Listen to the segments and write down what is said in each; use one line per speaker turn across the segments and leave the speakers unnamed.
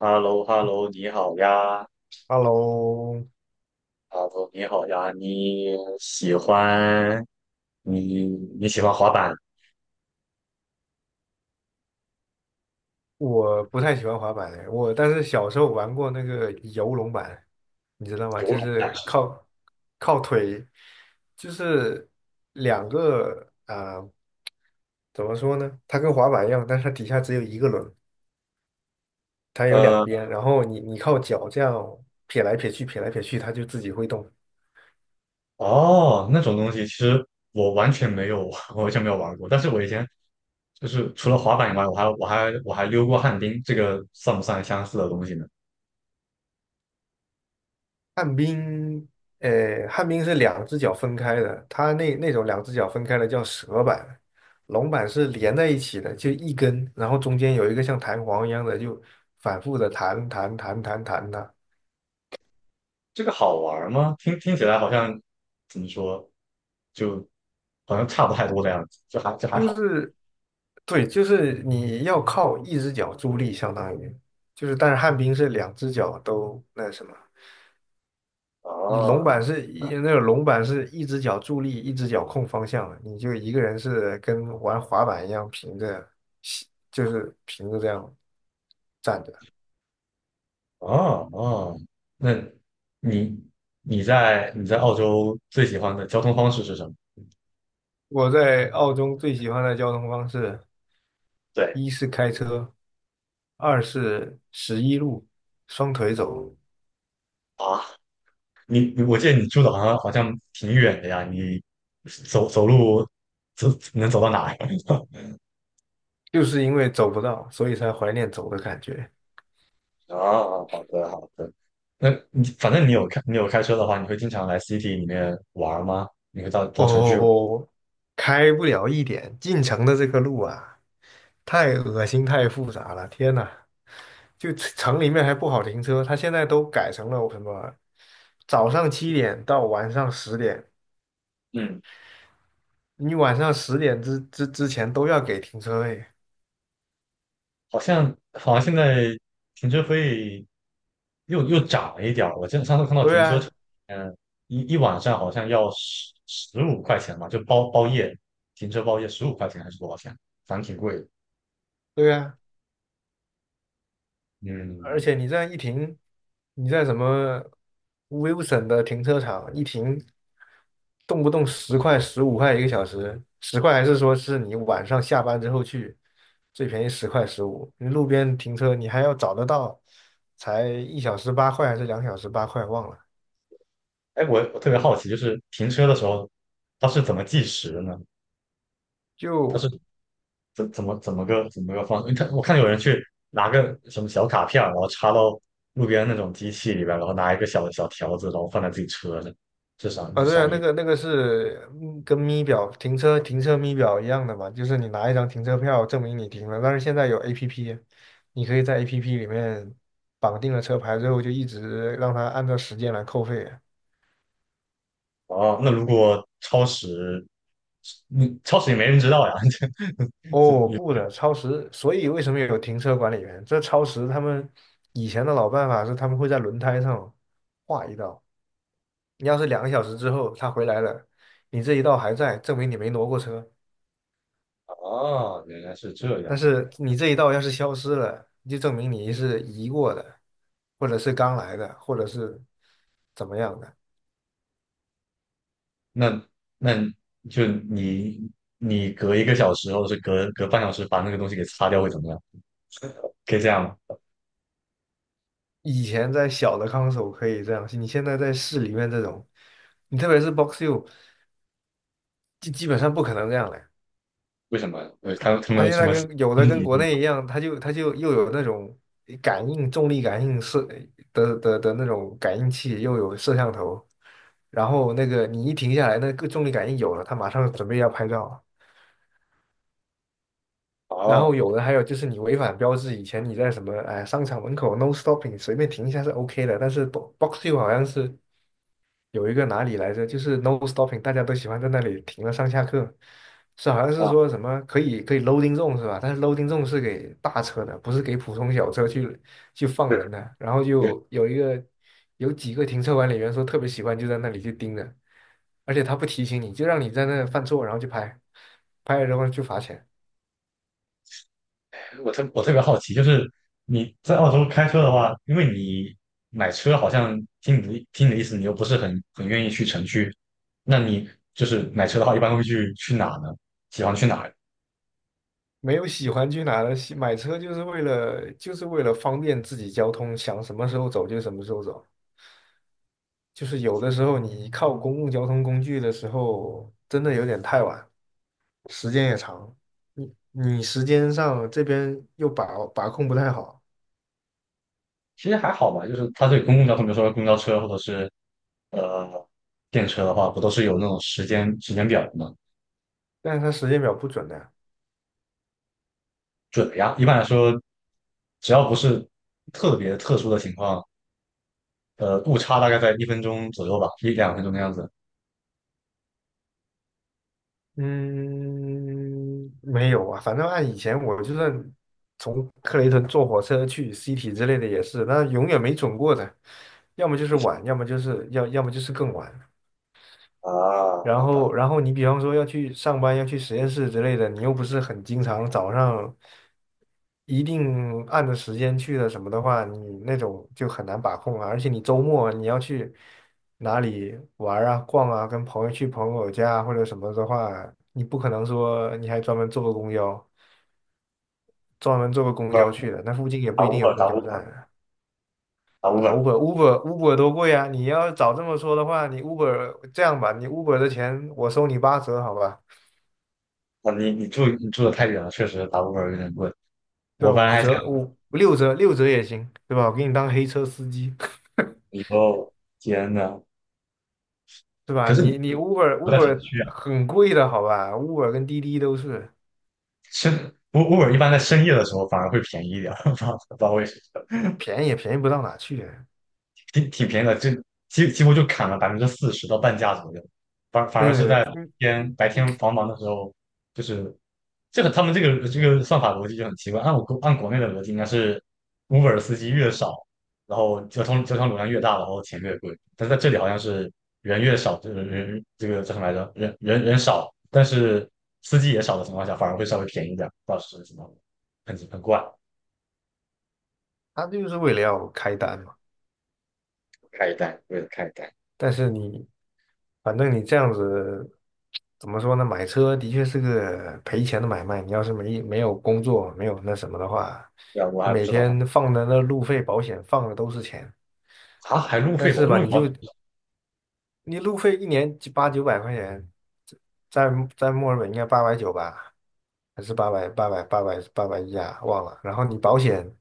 h e l l o h e l l o 你好呀。
Hello，
h e 你好呀，你喜欢你你喜欢滑板、
我不太喜欢滑板的，但是小时候玩过那个游龙板，你知道吗？
游泳？
就是靠腿，就是两个啊怎么说呢？它跟滑板一样，但是它底下只有一个轮，它有两
呃，
边，然后你靠脚这样撇来撇去，撇来撇去，它就自己会动。
哦，那种东西其实我完全没有，我完全没有玩过。但是我以前就是除了滑板以外，我还溜过旱冰，这个算不算相似的东西呢？
旱冰，旱冰是两只脚分开的，它那种两只脚分开的叫蛇板，龙板是连在一起的，就一根，然后中间有一个像弹簧一样的，就反复的弹弹弹弹弹它，
这个好玩吗？听起来好像怎么说，就好像差不太多的样子，就还就还
就
好。
是，对，就是你要靠一只脚助力，相当于，就是，但是旱冰是两只脚都那什么。你龙
哦。
板是一那个龙板是一只脚助力，一只脚控方向，你就一个人是跟玩滑板一样平着，就是平着这样站着。
哦哦，那你你在澳洲最喜欢的交通方式是什么？
我在澳洲最喜欢的交通方式，
对
一是开车，二是十一路，双腿走路，
啊，你我记得你住的好像挺远的呀，你走路走能走到哪呀？
就是因为走不到，所以才怀念走的感觉。
啊，好的好的。那你反正你有开车的话，你会经常来 city 里面玩吗？你会到城区玩？
哦，开不了一点，进城的这个路啊，太恶心，太复杂了，天呐！就城里面还不好停车，它现在都改成了什么早上7点到晚上十点，
嗯。
你晚上十点之前都要给停车位。
好像现在停车费又涨了一点儿。我真得上次看到
对
停车场，
啊，
嗯，一晚上好像要十五块钱吧，就包夜停车包夜十五块钱还是多少钱，反正挺贵的。
对啊，而
嗯。
且你这样一停，你在什么 Wilson 的停车场一停，动不动十块、15块一个小时，十块，还是说是你晚上下班之后去，最便宜10块15，你路边停车你还要找得到，才一小时八块还是2小时8块忘了。
哎，我特别好奇，就是停车的时候它是怎么计时的呢？它是
就
怎么个方式？因为它我看有人去拿个什么小卡片儿，然后插到路边那种机器里边，然后拿一个小小条子，然后放在自己车上，这啥这
啊，对
啥
啊，
意
那
思？
个那个是跟咪表停车咪表一样的嘛，就是你拿一张停车票证明你停了，但是现在有 APP，你可以在 APP 里面绑定了车牌之后，就一直让它按照时间来扣费。
哦，那如果超时，嗯，超时也没人知道呀。这
哦，
也。
不的，超时，所以为什么有停车管理员？这超时他们以前的老办法是他们会在轮胎上画一道，你要是2个小时之后他回来了，你这一道还在，证明你没挪过车。
哦，原来是这
但
样。
是你这一道要是消失了，就证明你是移过的，或者是刚来的，或者是怎么样的。
那那就你隔一个小时或者是隔半小时把那个东西给擦掉会怎么样？可以这样吗？
以前在小的康所可以这样，你现在在市里面这种，你特别是 Box U，基本上不可能这样了。
为什么？他们
它
有
现
什
在
么？
跟有的跟国内 一样，它就又有那种重力感应摄的的的那种感应器，又有摄像头，然后那个你一停下来，那个重力感应有了，他马上准备要拍照。然后
哦。
有的还有就是你违反标志，以前你在什么哎商场门口 no stopping 随便停一下是 OK 的，但是 box two 好像是有一个哪里来着，就是 no stopping，大家都喜欢在那里停了上下课，是好像是
啊，
说什么可以 loading zone 是吧？但是 loading zone 是给大车的，不是给普通小车去去放
对。
人的。然后就有几个停车管理员说特别喜欢就在那里去盯着，而且他不提醒你，就让你在那犯错，然后就拍，拍了之后就罚钱。
我特别好奇，就是你在澳洲开车的话，因为你买车好像听你的意思，你又不是很愿意去城区，那你就是买车的话，一般会去哪呢？喜欢去哪儿？
没有喜欢去哪的，买车就是为了方便自己交通，想什么时候走就什么时候走。就是有的时候你靠公共交通工具的时候，真的有点太晚，时间也长。你时间上这边又把控不太好，
其实还好吧，就是它对公共交通，比如说公交车或者是呃电车的话，不都是有那种时间表的吗？
但是它时间表不准的。
准的呀。一般来说，只要不是特别特殊的情况，误差大概在一分钟左右吧，一两分钟的样子。
嗯，没有啊，反正按以前我就算从克雷顿坐火车去 City 之类的也是，那永远没准过的，要么就是晚，要么就是更晚。
啊，
然
好吧。
后，你比方说要去上班，要去实验室之类的，你又不是很经常早上一定按着时间去的什么的话，你那种就很难把控啊。而且你周末你要去哪里玩儿啊、逛啊，跟朋友去朋友家啊或者什么的话，你不可能说你还专门坐个公交去的，那附近也不
打
一定有
Uber,
公
打
交
Uber,
站。
打
打
Uber。
Uber 多贵啊！你要早这么说的话，你 Uber 这样吧，你 Uber 的钱我收你八折，好吧？
啊！你住的太远了，确实打 Uber 有点贵。
对
我
吧？
本来
五
还想
折、五六折、六折也行，对吧？我给你当黑车司机。
以后，天呐，
对吧？
可是你
你 Uber
不在城
Uber
区啊，
很贵的，好吧？Uber 跟滴滴都是
深 Uber 一般在深夜的时候反而会便宜一点，不知道为什么。
便宜也便宜不到哪去。
挺便宜的，就几乎就砍了百分之四十到半价左右，反而是
嗯，
在白
嗯，
天白
你
天繁忙的时候，就是这个他们这个算法逻辑就很奇怪，按我国按国内的逻辑应该是，Uber 司机越少，然后交通流量越大，然后钱越贵，但是在这里好像是人越少，这个人这个叫什么来着？人少，但是司机也少的情况下，反而会稍微便宜一点，不知道是什么，很怪，
他就是为了要开单嘛。
开一单，为了开一单。
但是你反正你这样子，怎么说呢？买车的确是个赔钱的买卖。你要是没有工作，没有那什么的话，
对啊，我还不
每
知道
天放的那路费、保险放的都是钱。
啊，还路
但
费保
是吧，
路费保
你路费一年就8、900块钱，在墨尔本应该890吧，还是八百一啊？忘了。然后你保险，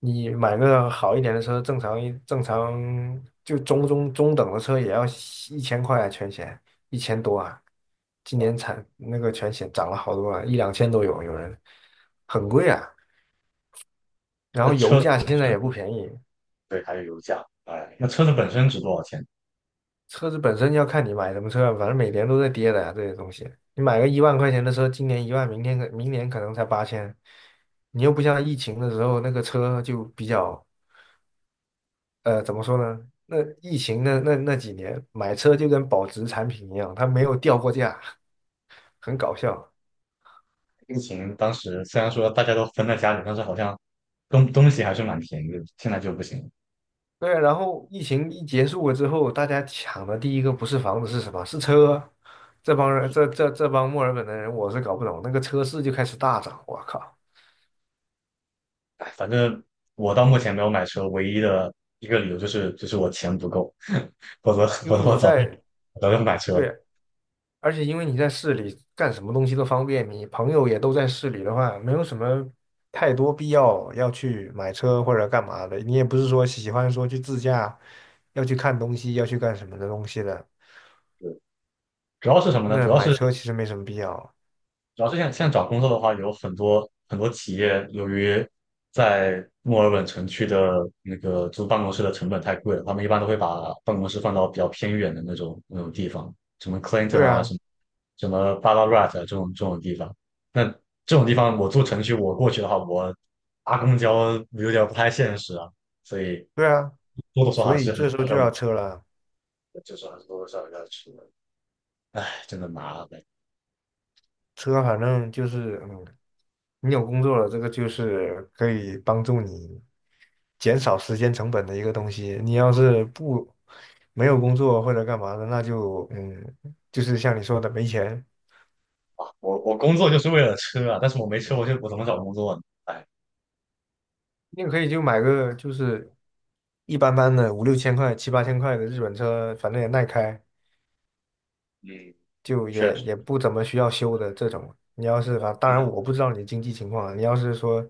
你买个好一点的车，正常就中等的车也要1000块啊，全险1000多啊。今年产那个全险涨了好多啊，1、2千都有，有人很贵啊。然
那
后油
车。
价现在也不便宜，
对，还有油价，哎，那车子本身值多少钱？
车子本身要看你买什么车，反正每年都在跌的呀，这些东西。你买个1万块钱的车，今年一万，明年可能才八千。你又不像疫情的时候，那个车就比较，怎么说呢？那疫情那几年，买车就跟保值产品一样，它没有掉过价。很搞笑。
疫情当时虽然说大家都分在家里，但是好像东西还是蛮便宜的，现在就不行了。
对啊，然后疫情一结束了之后，大家抢的第一个不是房子是什么？是车。这帮人，这帮墨尔本的人，我是搞不懂，那个车市就开始大涨，我靠！
哎，反正我到目前没有买车，唯一的一个理由就是我钱不够，否则
因
否
为
则我
你
早就
在。
早就买车了。
对，而且因为你在市里干什么东西都方便，你朋友也都在市里的话，没有什么太多必要要去买车或者干嘛的。你也不是说喜欢说去自驾，要去看东西，要去干什么的东西的。
主要是什么呢？主
那
要
买
是
车其实没什么必要。
主要是像在找工作的话，有很多企业由于在墨尔本城区的那个租办公室的成本太贵了，他们一般都会把办公室放到比较偏远的那种地方，什么 Clinton
对
啊，什
啊，
么什么 Ballarat 啊这种地方。那这种地方我住城区，我过去的话，我搭公交有点不太现实啊，所以
对啊，
多多少少
所
还
以
是还
这时候
是
就
要有，
要车了。
就是还是多多少少要去的。唉，真的麻烦。
车反正就是，嗯，你有工作了，这个就是可以帮助你减少时间成本的一个东西。你要是不没有工作或者干嘛的，那就嗯，就是像你说的没钱，
啊，我工作就是为了吃啊，但是我没吃，我就我怎么找工作呢？哎，
你可以就买个就是一般般的5、6千块、7、8千块的日本车，反正也耐开。
嗯，
就
确实，
也不怎么需要修的这种。你要是反，当
真的
然我
没
不知道你的经济情况啊，你要是说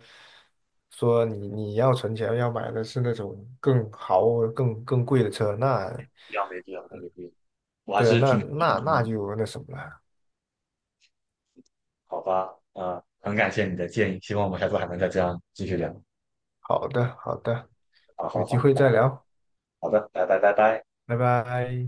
你要存钱要买的是那种更豪更更贵的车，那
必要没必要，真的没必要。我还
对啊，
是
那
挺实用
那
主
那
义。
就那什么了。
好吧？啊、很感谢你的建议，希望我们下次还能再这样继续聊。
好的，好的，
好
有
好
机
好，
会
拜
再
拜。
聊，
好的，拜拜拜拜。
拜拜。